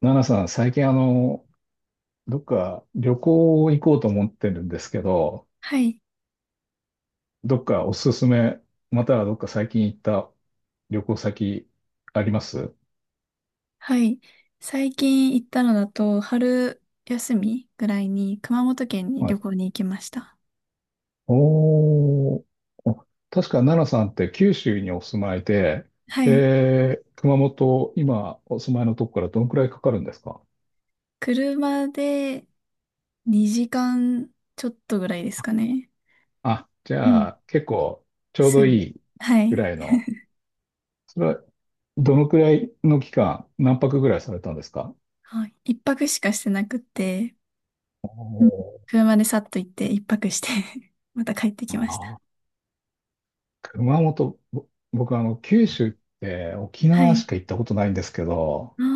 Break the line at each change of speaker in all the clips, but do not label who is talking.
ナナさん、最近どっか旅行行こうと思ってるんですけど、
はい、
どっかおすすめ、またはどっか最近行った旅行先あります？
はい。最近行ったのだと、春休みぐらいに熊本県に
は
旅
い。
行に行きました。
おー、お確かナナさんって九州にお住まいで、
はい。
で、熊本、今お住まいのとこからどのくらいかかるんですか？
車で2時間ちょっとぐらいですかね。
あ、じ
うん。
ゃあ結構ちょう
す
どい
ぐ。
い
は
ぐ
い。
らいの、それはどのくらいの期間、何泊ぐらいされたんですか？
はい。一泊しかしてなくて、
お
うん、
ー、
車でさっと行って一泊して また帰ってきました。
あ、熊本、僕九州って沖
は
縄し
い。
か行ったことないんですけど、
あ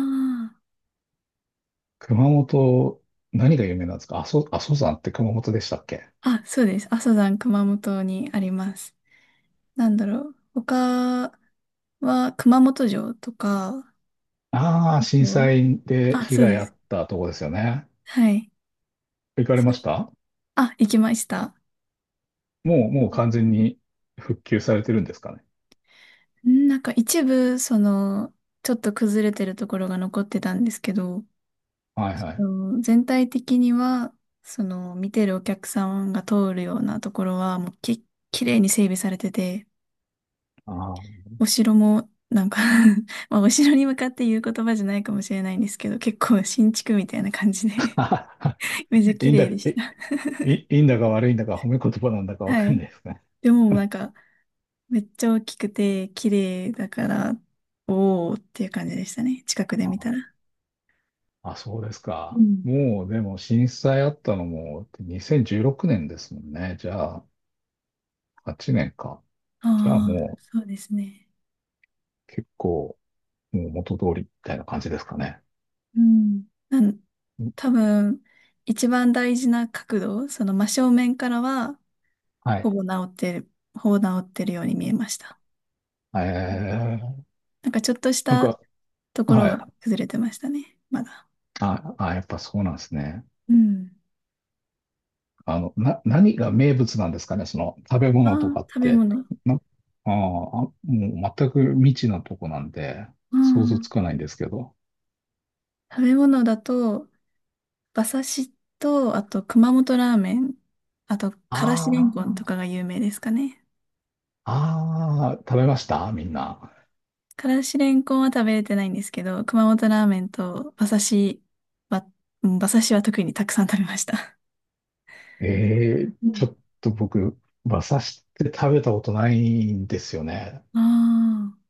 熊本、何が有名なんですか？阿蘇、阿蘇山って熊本でしたっけ？
あ。あ、そうです。阿蘇山熊本にあります。なんだろう。他は熊本城とか、
ああー、
えっ
震
と、
災で
あ、
被
そう
害
で
あ
す。
ったとこですよね。
はい。
行かれ
そ
ま
れ、
した？
あ、行きました。
もう完全に復旧されてるんですかね。
なんか一部、その、ちょっと崩れてるところが残ってたんですけど、
はい
そ
はい。
の全体的には、その、見てるお客さんが通るようなところは、もうき、綺麗に整備されてて、
あ
お城も、なんか まあ、お城に向かって言う言葉じゃないかもしれないんですけど、結構新築みたいな感じで
あ。
めっちゃ
い
綺
いんだ、
麗でした。
いいんだか悪いんだか褒め言葉なんだかわ
は
かん
い。
ないですね。
でも、なんか、めっちゃ大きくて綺麗だから、おーっていう感じでしたね。近くで見た
あ
ら。
あ、そうです
う
か。
ん。
もう、でも震災あったのも2016年ですもんね。じゃあ、8年か。
あ
じゃあ
あ、
も
そうですね。
う結構、もう元通りみたいな感じですかね。
うん。多分、一番大事な角度、その真正面からは、
はい。
ほぼ治ってるように見えました。
え
うん、
ー
なんかちょっとし
なん
た
か、
ところ
はい。
が崩れてましたね。まだ。
やっぱそうなんですね。
うん。
何が名物なんですかね、その食べ物と
ああ、
かっ
食べ
て。
物。
な、あーあ、もう全く未知なとこなんで、
う
想像
ん。
つかないんですけど。
食べ物だと、馬刺しと、あと熊本ラーメン、あとからしれんこん
あ
とかが有名ですかね。
あ、ああ、食べましたみんな。
からしれんこんは食べれてないんですけど、熊本ラーメンと馬刺しは、うん、馬刺しは特にたくさん食べました。
ええ、
う
ち
ん。
ょっと僕、馬刺しって食べたことないんですよね。
ああ。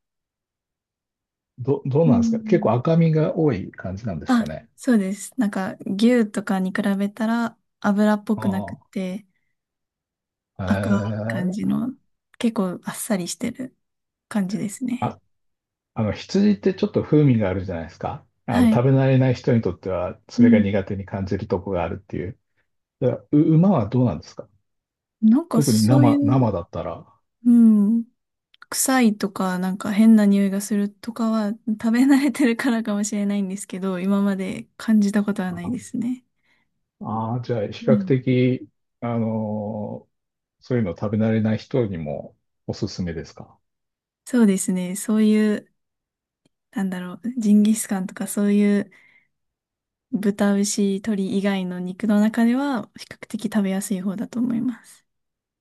どう
う
なんですか？結構
ん、
赤身が多い感じなんです
あ、
かね。
そうです。なんか牛とかに比べたら油っぽくなく
あ
て
あ、
赤い感じ
ええ、
の、結構あっさりしてる感じですね。
あ、あの、羊ってちょっと風味があるじゃないですか。あの、
はい。
食べ慣れない人にとっては、
う
それが
ん。
苦手に感じるとこがあるっていう。だから馬はどうなんですか？
なんか
特に
そういう、
生だったら。
うん。臭いとか、なんか変な匂いがするとかは、食べ慣れてるからかもしれないんですけど、今まで感じたことはないで
あ
すね。
あー、じゃあ、比
う
較
ん。
的、あのーそういうの食べ慣れない人にもおすすめですか？
そうですね。そういう、なんだろう、ジンギスカンとかそういう豚、牛、鶏以外の肉の中では、比較的食べやすい方だと思います。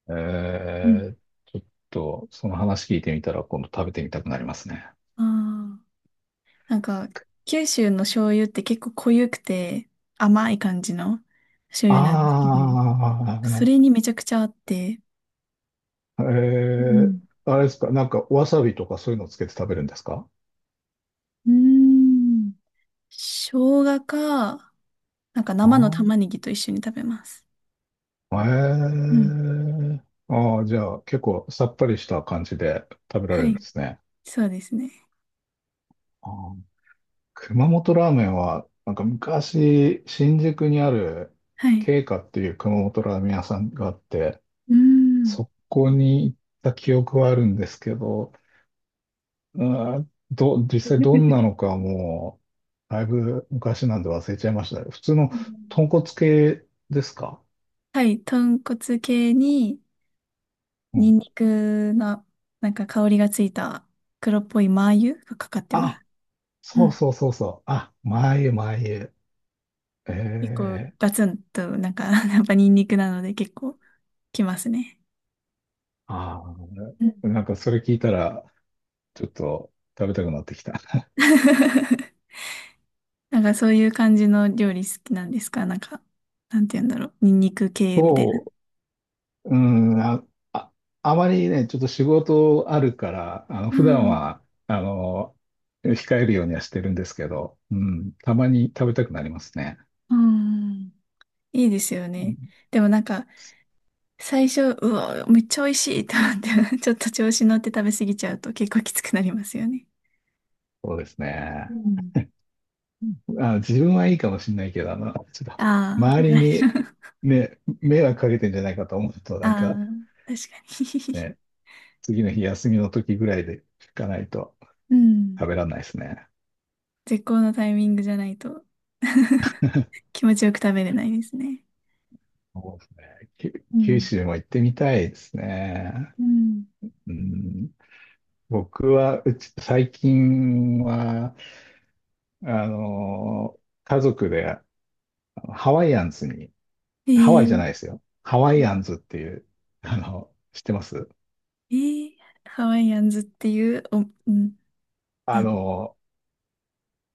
え
うん、
ー、ちょっと、その話聞いてみたら、今度食べてみたくなりますね。
ああ、なんか、九州の醤油って結構濃ゆくて甘い感じの醤油なんですけど、それ
あ
にめちゃくちゃあって、
あ、
うん、
あれですか、なんか、わさびとかそういうのつけて食べるんですか？
うーん、生姜か、なんか
あ
生の玉ねぎと一緒に食べます。
あ、え
うん。
え、ああ、じゃあ、結構さっぱりした感じで食べられ
は
る
い。
んですね。
そうですね。
あー、熊本ラーメンは、なんか昔、新宿にある、
はい。
慶華っていう熊本ラーメン屋さんがあって、
うーん。
そこに行った記憶はあるんですけど、実際どんな のかもう、だいぶ昔なんで忘れちゃいましたね。普通の
うん、
豚骨系ですか？
はい。豚骨系に、
う
ニ
ん。
ンニクの、なんか香りがついた黒っぽいマー油がかかってま
あ、
す。
そ
う
う
ん。
そうそうそう。あ、前へ前へ。え
結構
え、
ガツンと、なんか、やっぱニンニクなので結構きますね。
ああ
うん。
ー、なんかそれ聞いたら、ちょっと食べたくなってきた。
なんかそういう感じの料理好きなんですかなんか、なんて言うんだろう。ニンニク系みたい
そう、うん、あ、あまりね、ちょっと仕事あるから、あの、普段
な。
は、あの、控えるようにはしてるんですけど、うん、たまに食べたくなりますね。
うん。いいですよね。でもなんか、最初、うわ、めっちゃ美味しいと思って、ちょっと調子乗って食べ過ぎちゃうと結構きつくなりますよね。
そうです
う
ね。
ん。
あ、自分はいいかもしれないけど、あの、ちょっと、
ああ、
周
もら
り
え
に
る。
ね、迷惑かけてんじゃないかと思うと、
あ
なんか
あ、確かに。
ね、次の日休みの時ぐらいで行かないと
うん。
食べられないですね。
絶好のタイミングじゃないと 気持ちよく食べれないですね。
そうですね。
う
九
ん。
州も行ってみたいですね。
うん、
うん、僕は、うち、最近は、あの、家族でハワイアンズに、
え
ハワイじゃ
ー、
ないですよ。ハワイアンズっていう、あの、知ってます？
えー、ハワイアンズっていう、お、うん、
あ
なん、
の、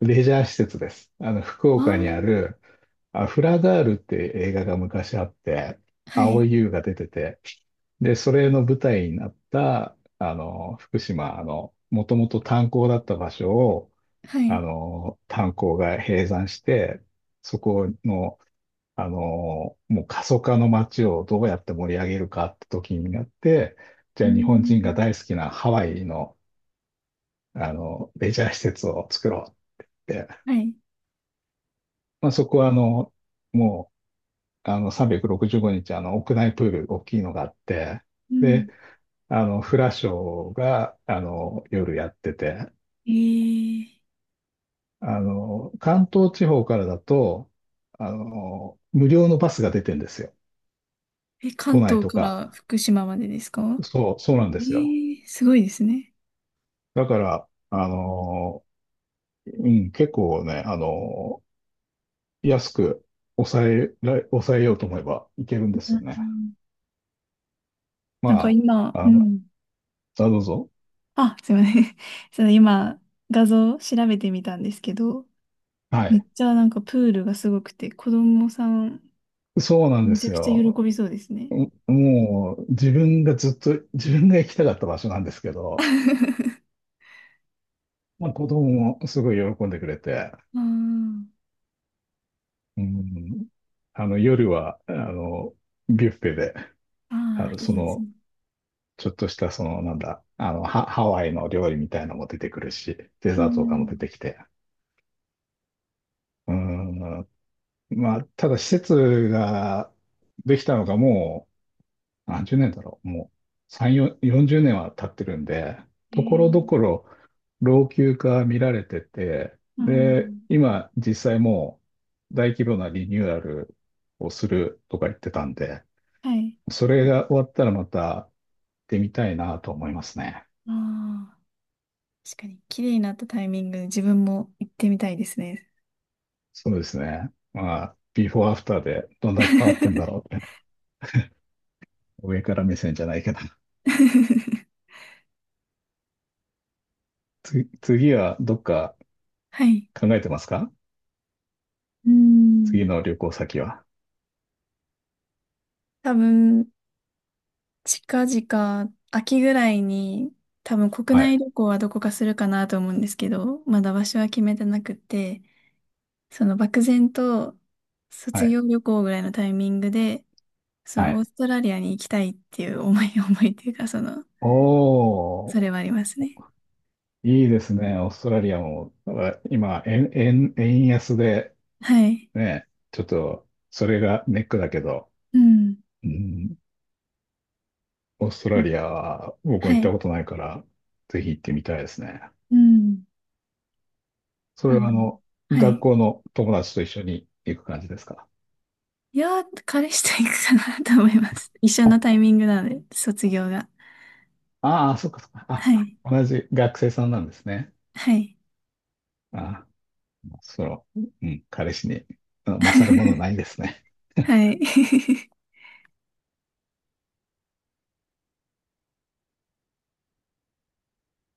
レジャー施設です。あの、福岡にあ
あ
る、あ、フラガールって映画が昔あって、
あ、はい、
蒼井優が出てて、で、それの舞台になった、あの、福島、あの、もともと炭鉱だった場所を、
は
あ
い、
の、炭鉱が閉山して、そこの、あの、もう過疎化の街をどうやって盛り上げるかって時になって、
う
じゃあ日本
ん。
人が大好きなハワイの、あの、レジャー施設を作ろうって、
はい。
まあ、そこはあの、もう、あの、365日、あの、屋内プール、大きいのがあって、
うん、
で、あの、フラショーが、あの、夜やってて、
えー、
あの、関東地方からだと、あの、無料のバスが出てんですよ。
え、
都
関
内
東
と
か
か。
ら福島までですか？
そう、そうなんで
え
すよ。
ー、すごいですね。
だから、あの、うん、結構ね、あの、安く抑えようと思えばいけるんで
う
すよ
ん。う
ね。
ん。なんか
まあ、
今、う
あの、
ん。
あ、どうぞ。
あ、すいません。その今、画像調べてみたんですけど、
は
めっ
い。
ちゃなんかプールがすごくて、子供さん、
そうなんで
めちゃ
す
くちゃ
よ。
喜びそうですね。
もう自分がずっと自分が行きたかった場所なんですけど、
あ
まあ、子供もすごい喜んでくれて、
ー、
うん、あの夜はあのビュッフェであ
あ
の
ー、
そ
いいです
の
ね。
ちょっとしたそのなんだあのハ、ハワイの料理みたいなのも出てくるし、デ
う
ザートとかも出
ん。
てきて、うん、まあ、ただ施設ができたのがも何十年だろう。もう3、4 40年は経ってるんで、
え
ところ
ー、
どころ老朽化見られてて、
あ
で、
ー、
今実際もう大規模なリニューアルをするとか言ってたんで、
はい。
それが終わったらまた行ってみたいなと思いますね。
ああ、確かに、綺麗になったタイミングで自分も行ってみたいですね。
そうですね。まあ、ビフォーアフターでどんだけ変わってんだ ろうって。上から目線じゃないけど。次はどっか
はい。
考えてますか？
う
次
ん。
の旅行先は。
多分、近々、秋ぐらいに、多分国
はい。
内旅行はどこかするかなと思うんですけど、まだ場所は決めてなくて、その漠然と
は
卒
い。
業旅行ぐらいのタイミングで、そ
は
のオー
い。
ストラリアに行きたいっていう思い、思いっていうか、その、
お
そ
ー、
れはありますね。
いいですね。オーストラリアも、なんか今、円安で、
はい。
ね、ちょっと、それがネックだけど、
うん。
うん、オーストラリアは僕も
は
行っ
い。
たことないから、ぜひ行ってみたいですね。
うん。
そ
あ
れは、あ
の、
の、
は
学
い。
校の友達と一緒に行く感じですか？
いやー、彼氏と行くかなと思います。一緒のタイミングなので、卒業が。
ああー、そっかそっか。あ、
はい。
同じ学生さんなんですね。
はい。
ああその、うん、彼氏に、あの勝るものな いですね。
はい。